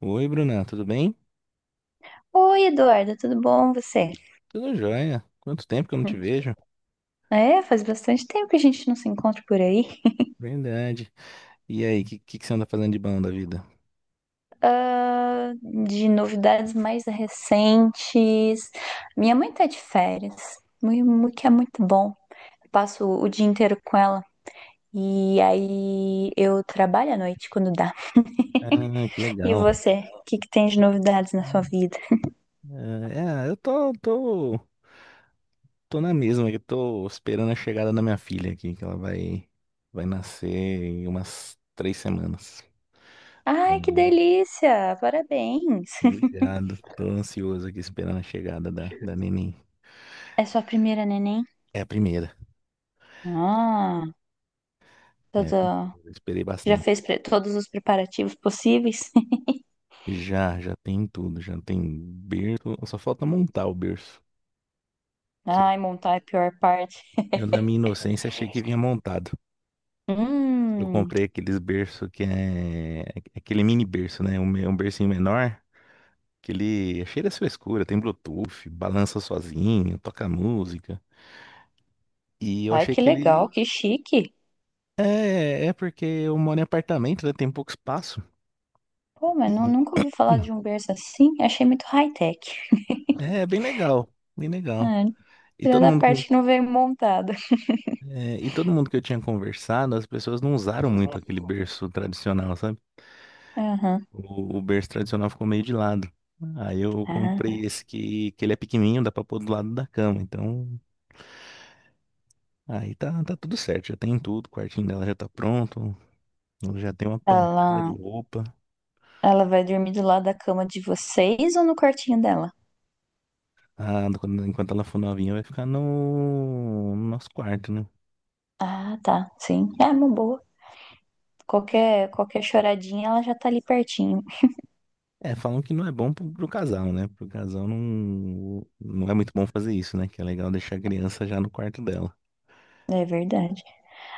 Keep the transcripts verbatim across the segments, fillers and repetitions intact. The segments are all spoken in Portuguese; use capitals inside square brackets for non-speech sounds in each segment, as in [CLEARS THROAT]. Oi, Bruna, tudo bem? Oi, Eduarda, tudo bom? Você? Tudo jóia. Quanto tempo que eu não te vejo? É, faz bastante tempo que a gente não se encontra por aí. Verdade. E aí, o que, que, que você anda fazendo de bom da vida? Ah, de novidades mais recentes. Minha mãe tá de férias, mui- mui- que é muito bom. Passo o dia inteiro com ela e aí eu trabalho à noite quando dá. Ah, que [LAUGHS] E legal. você? O que que tem de novidades na sua vida? Ah, É, eu tô, tô, tô na mesma, que eu tô esperando a chegada da minha filha aqui, que ela vai, vai nascer em umas três semanas. Ai, que Hum, delícia! Parabéns! [LAUGHS] Obrigado. Tô ansioso aqui esperando a chegada da, da neném. É sua primeira neném? É a primeira. Ah, É, a tudo. primeira. Esperei Já bastante. fez pre- todos os preparativos possíveis? Já, já tem tudo, já tem berço. Só falta montar o berço. [LAUGHS] que eu, Ai, montar é a pior parte. eu, na minha inocência, achei que vinha montado. Eu Hum, comprei aqueles berço que é... é aquele mini berço, né? Um, me- um bercinho menor, que ele é cheio da sua escura, tem Bluetooth, balança sozinho, toca música. E eu ai, achei que que ele. legal, que chique. É, é é porque eu moro em apartamento, né? Tem pouco espaço. Pô, mas nu- E- nunca ouvi falar de um berço assim. Achei muito high-tech. É, é bem legal, bem legal. Ah, E todo tirando a mundo, com- parte que não veio montada. [LAUGHS] é, e todo mundo que eu tinha conversado, as pessoas não usaram muito aquele berço tradicional, sabe? Aham. O, o berço tradicional ficou meio de lado. Aí eu Ah, comprei esse que, que ele é pequenininho, dá pra pôr do lado da cama. Então, aí tá, tá tudo certo, já tem tudo. O quartinho dela já tá pronto. Ela já tem uma pancada ela, de roupa. ela vai dormir do lado da cama de vocês ou no quartinho dela? Ah, quando- enquanto ela for novinha, vai ficar no, no nosso quarto, né? Ah, tá. Sim. É uma boa. Qualquer, qualquer choradinha, ela já tá ali pertinho. É, falam que não é bom pro, pro casal, né? Pro casal não, não é muito bom fazer isso, né? Que é legal deixar a criança já no quarto dela. É verdade.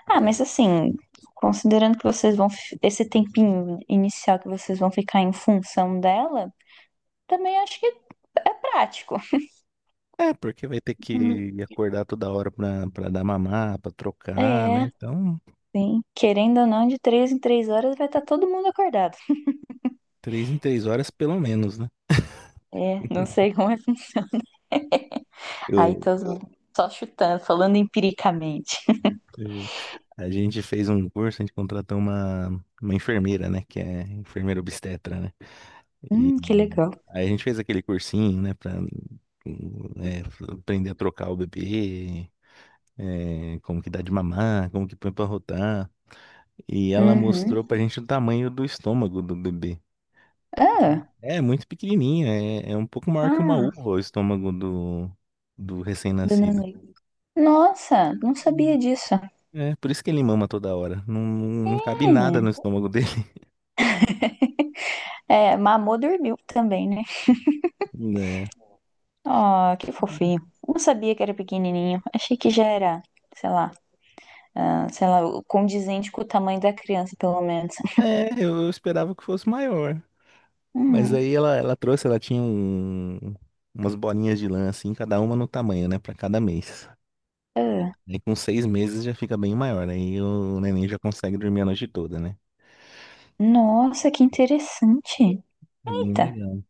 Ah, mas assim, considerando que vocês vão, fi- esse tempinho inicial que vocês vão ficar em função dela, também acho que é prático. É, porque vai ter Hum. que acordar toda hora pra, pra dar mamar, pra trocar, né? É, Então. sim. Querendo ou não, de três em três horas vai estar todo mundo acordado. Três em três horas, pelo menos, né? É, não sei [LAUGHS] como é. Aí Eu, tô só chutando, falando empiricamente. eh, a gente fez um curso, a gente contratou uma, uma enfermeira, né? Que é enfermeira obstetra, né? E Hum, que legal. aí a gente fez aquele cursinho, né? Pra, hum, eh, aprender a trocar o bebê, eh, como que dá de mamar, como que põe pra rotar. E ela Uhum. mostrou pra gente o tamanho do estômago do bebê. Ah, É, é muito pequenininho, é, é um pouco maior que uma ah, uva o estômago do, do do recém-nascido. neném. Nossa, não sabia disso. É, por isso que ele mama toda hora. Não, não cabe nada no estômago dele, É, é, mamou dormiu também, né? [LAUGHS] né? Oh, que fofinho. Não sabia que era pequenininho. Achei que já era, sei lá, ah, sei lá, condizente com o tamanho da criança, pelo menos. É, eu, eu esperava que fosse maior. Mas Hum, aí ela, ela trouxe, ela tinha um- umas bolinhas de lã, assim, cada uma no tamanho, né? Pra cada mês. ah. Aí com seis meses já fica bem maior. Aí o neném já consegue dormir a noite toda, né? Nossa, que interessante. É bem Eita. legal.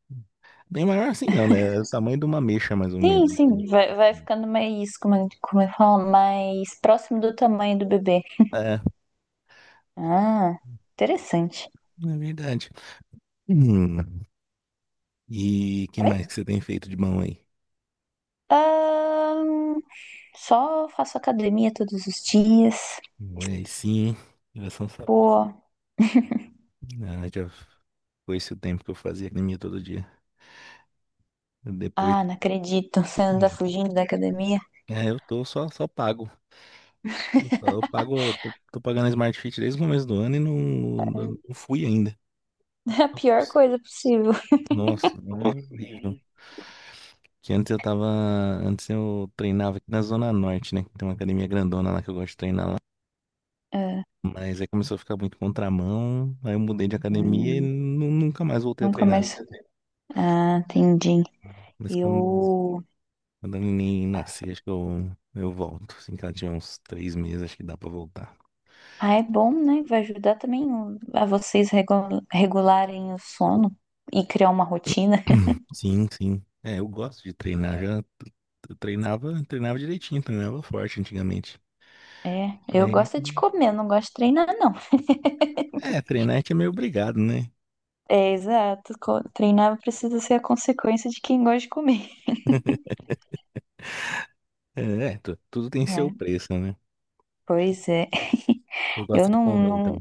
Bem maior assim não, né? É o tamanho de uma ameixa, mais ou Sim, menos, assim. sim, vai, vai ficando mais, como, é- como eu falo, mais próximo do tamanho do bebê. É, Ah, interessante. é verdade. Hum, E que Oi? mais que você tem feito de bom aí? Ahn, só faço academia todos os dias. Olha aí sim, geração. Pô, Ah, já foi esse o tempo que eu fazia academia todo dia. Depois, ah, não acredito, você anda né? fugindo da academia. É, eu tô só, só pago. Eu, só- eu pago, eu tô, tô pagando a Smart Fit desde o começo do ano e não, não, não fui ainda. É a pior Ops. coisa possível. Nossa, é horrível. Que antes eu tava, antes eu treinava aqui na Zona Norte, né? Tem uma academia grandona lá que eu gosto de treinar lá. Ah, Mas aí começou a ficar muito contramão, aí eu mudei de academia e hum, nu- nunca mais voltei a nunca treinar. mais. Ah, entendi. Mas quando Eu. Quando a neném nascer, acho que eu, eu volto. Assim que ela tiver uns três meses, acho que dá pra voltar. Ah, é bom, né? Vai ajudar também o- a vocês regu- regularem o sono e criar uma rotina. [CLEARS THROAT] Sim, sim. É, eu gosto de treinar. Já t- t- treinava, treinava direitinho, treinava forte antigamente. É, eu Aí, gosto de comer, não gosto de treinar, não. é, treinar a gente é meio obrigado, né? É, exato. Co- Treinar precisa ser a consequência de quem gosta de comer. É, é, tu- tudo tem seu É, preço, né? pois é. [LAUGHS] Você gosta Eu de não, comer, não- então.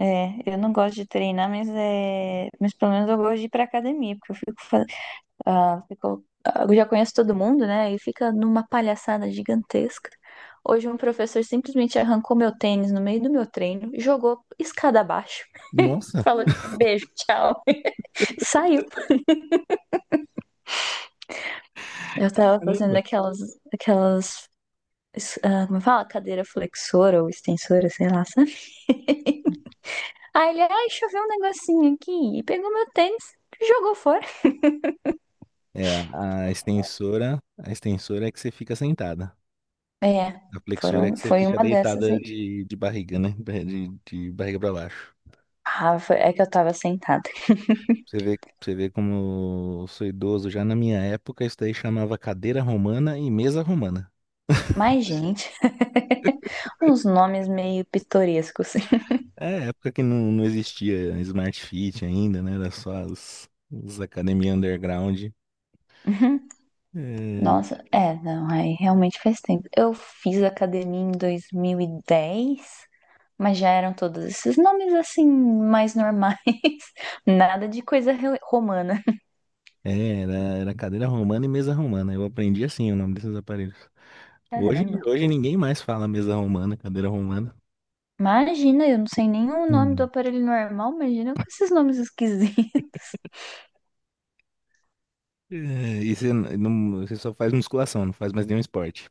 é, eu não gosto de treinar, mas é, mas pelo menos eu gosto de ir pra academia, porque eu fico fazendo. Ah, ficou- ah, eu já conheço todo mundo, né? E fica numa palhaçada gigantesca. Hoje um professor simplesmente arrancou meu tênis no meio do meu treino, jogou escada abaixo, Nossa, falou beijo, tchau, [LAUGHS] saiu. Eu tava fazendo caramba. aquelas, aquelas, es- ah, como fala? Cadeira flexora ou extensora, sei lá, sabe? Aí ele, ai, choveu um negocinho aqui e pegou meu tênis, jogou fora. É, a extensora, a extensora é que você fica sentada. É, A flexora é foram, que você foi fica uma dessas deitada aí. de, de barriga, né? De, de barriga pra baixo. Ah, foi- é que eu tava sentada. Você vê, você vê como eu sou idoso. Já na minha época, isso daí chamava cadeira romana e mesa romana. Mas, gente. [LAUGHS] Uns nomes meio pitorescos. É época que não, não existia Smart Fit ainda, né? Era só as, as academias underground. [LAUGHS] É, Nossa, é, não, aí realmente faz tempo. Eu fiz academia em dois mil e dez, mas já eram todos esses nomes assim, mais normais. [LAUGHS] Nada de coisa romana. é, era, era cadeira romana e mesa romana. Eu aprendi assim o nome desses aparelhos. Hoje, Caramba. hoje ninguém mais fala mesa romana, cadeira romana. Imagina, eu não sei nem o nome do Hum. aparelho normal, imagina com esses nomes esquisitos. [LAUGHS] É, e você, n- não, você só faz musculação, não faz mais nenhum esporte.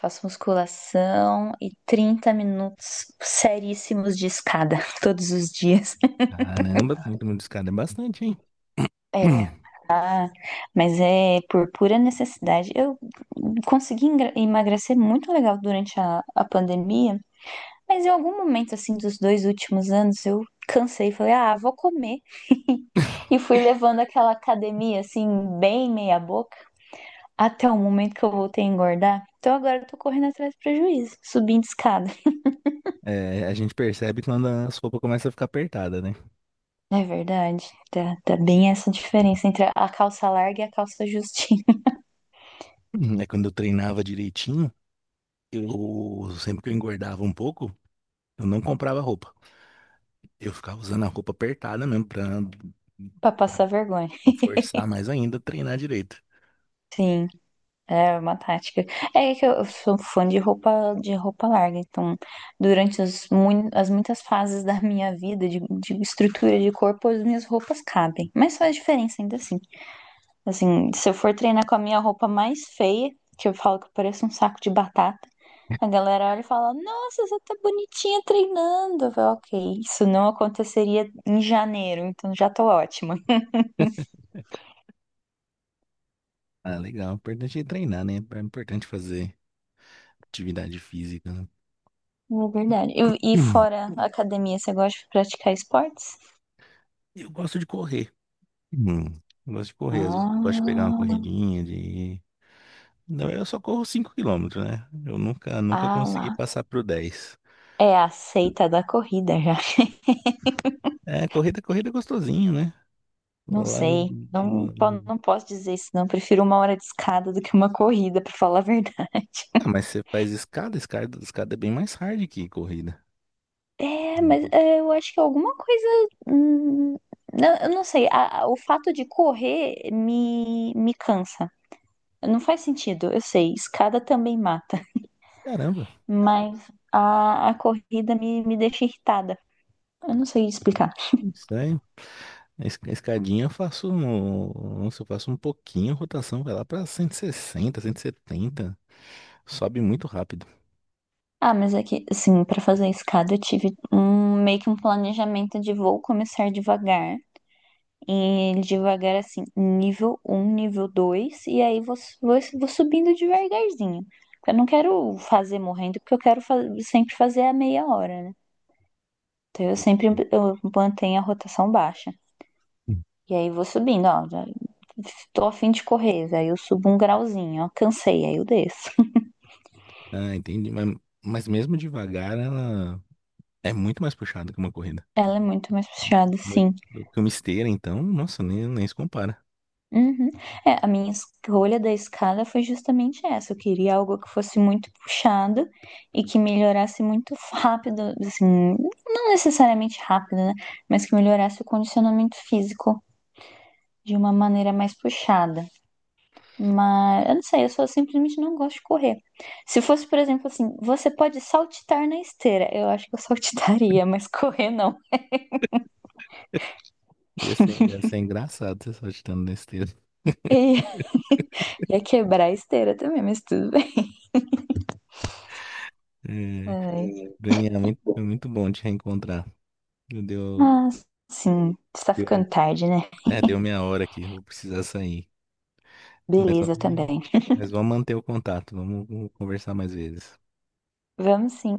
Faço musculação e trinta minutos seríssimos de escada [LAUGHS] todos os dias. Caramba, muito escada é bastante, hein? É, [CLEARS THROAT] ah, mas é por pura necessidade. Eu consegui engra- emagrecer muito legal durante a, a pandemia, mas em algum momento, assim, dos dois últimos anos, eu cansei e falei, ah, vou comer. [LAUGHS] E fui levando aquela academia, assim, bem meia boca, até o momento que eu voltei a engordar. Então agora eu tô correndo atrás do prejuízo, subindo escada. É, a gente percebe quando a roupas começa a ficar apertada, né? É verdade, tá, tá bem essa diferença entre a calça larga e a calça justinha, Uhum. É quando eu treinava direitinho, eu sempre que eu engordava um pouco, eu não comprava roupa. Eu ficava usando a roupa apertada mesmo pra, [LAUGHS] pra pra, passar vergonha. pra forçar mais ainda a treinar direito. Sim. É uma tática. É que eu sou fã de roupa de roupa larga, então durante os mui- as muitas fases da minha vida de, de, estrutura de corpo, as minhas roupas cabem. Mas faz diferença ainda assim. Assim, se eu for treinar com a minha roupa mais feia, que eu falo que eu pareço um saco de batata, a galera olha e fala: "Nossa, você tá bonitinha treinando". Eu falo, OK, isso não aconteceria em janeiro, então já tô ótima. [LAUGHS] Ah, legal. O importante é treinar, né? É importante fazer atividade física, né? É verdade. E, e Hum, fora a academia, você gosta de praticar esportes? Eu gosto de correr. Hum, Eu gosto de correr. Às vezes eu gosto de pegar uma Ah, corridinha de. Não, eu só corro cinco quilômetros, né? Eu nunca, nunca ah consegui lá. passar pro dez. É a seita da corrida já. É, corrida, corrida é gostosinho, né? Não Lá no. sei. Não, po- no- não posso dizer isso, não. Prefiro uma hora de escada do que uma corrida, pra falar a verdade. Ah, [LAUGHS] mas você faz escada, escada, escada é bem mais hard que corrida. É, mas é, eu acho que alguma coisa. Hum, não, eu não sei. A- a- o fato de correr me, me cansa. Não faz sentido, eu sei. Escada também mata. Caramba, Mas a, a corrida me, me deixa irritada. Eu não sei explicar. estranho. A es- escadinha eu faço, um- nossa, eu faço um pouquinho, a rotação vai lá pra cento e sessenta, cento e setenta sobe muito rápido. Ah, mas é que, assim, para fazer a escada eu tive um, meio que um planejamento de vou começar devagar. E devagar, assim, nível um, nível dois. E aí vou, su- vou, vou subindo devagarzinho. Porque eu não quero fazer morrendo, porque eu quero fa- sempre fazer a meia hora, né? Então eu sempre Entendi. eu mantenho a rotação baixa. E aí vou subindo, ó. Já tô a fim de correr, aí eu subo um grauzinho, ó. Cansei, aí eu desço. [LAUGHS] Ah, entendi, mas, mas mesmo devagar ela é muito mais puxada que uma corrida. Ela é muito mais puxada, Muito, sim. do que uma esteira, então, nossa, nem, nem se compara. Uhum. É, a minha escolha da escala foi justamente essa. Eu queria algo que fosse muito puxado e que melhorasse muito [LAUGHS] rápido, assim, não necessariamente rápido, né? Mas que melhorasse o condicionamento físico de uma maneira mais puxada. Mas eu não sei, eu só simplesmente não gosto de correr. Se fosse, por exemplo, assim, você pode saltitar na esteira. Eu acho que eu [LAUGHS] saltitaria, mas correr não. Ia ser, ia ser engraçado você só agitando na esteira. E [LAUGHS] ia quebrar a esteira também, mas tudo bem. É, Ai. Bruninha, muito, foi muito bom te reencontrar. Deu, deu, Mas, sim, está ficando tarde, né? é, deu minha hora aqui, vou precisar sair. Mas, va- Beleza também. mas vamos manter o contato, vamos conversar mais vezes. Vamos sim.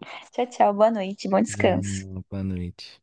[LAUGHS] Tchau, tchau. Boa noite. Bom Ah, descanso. boa noite.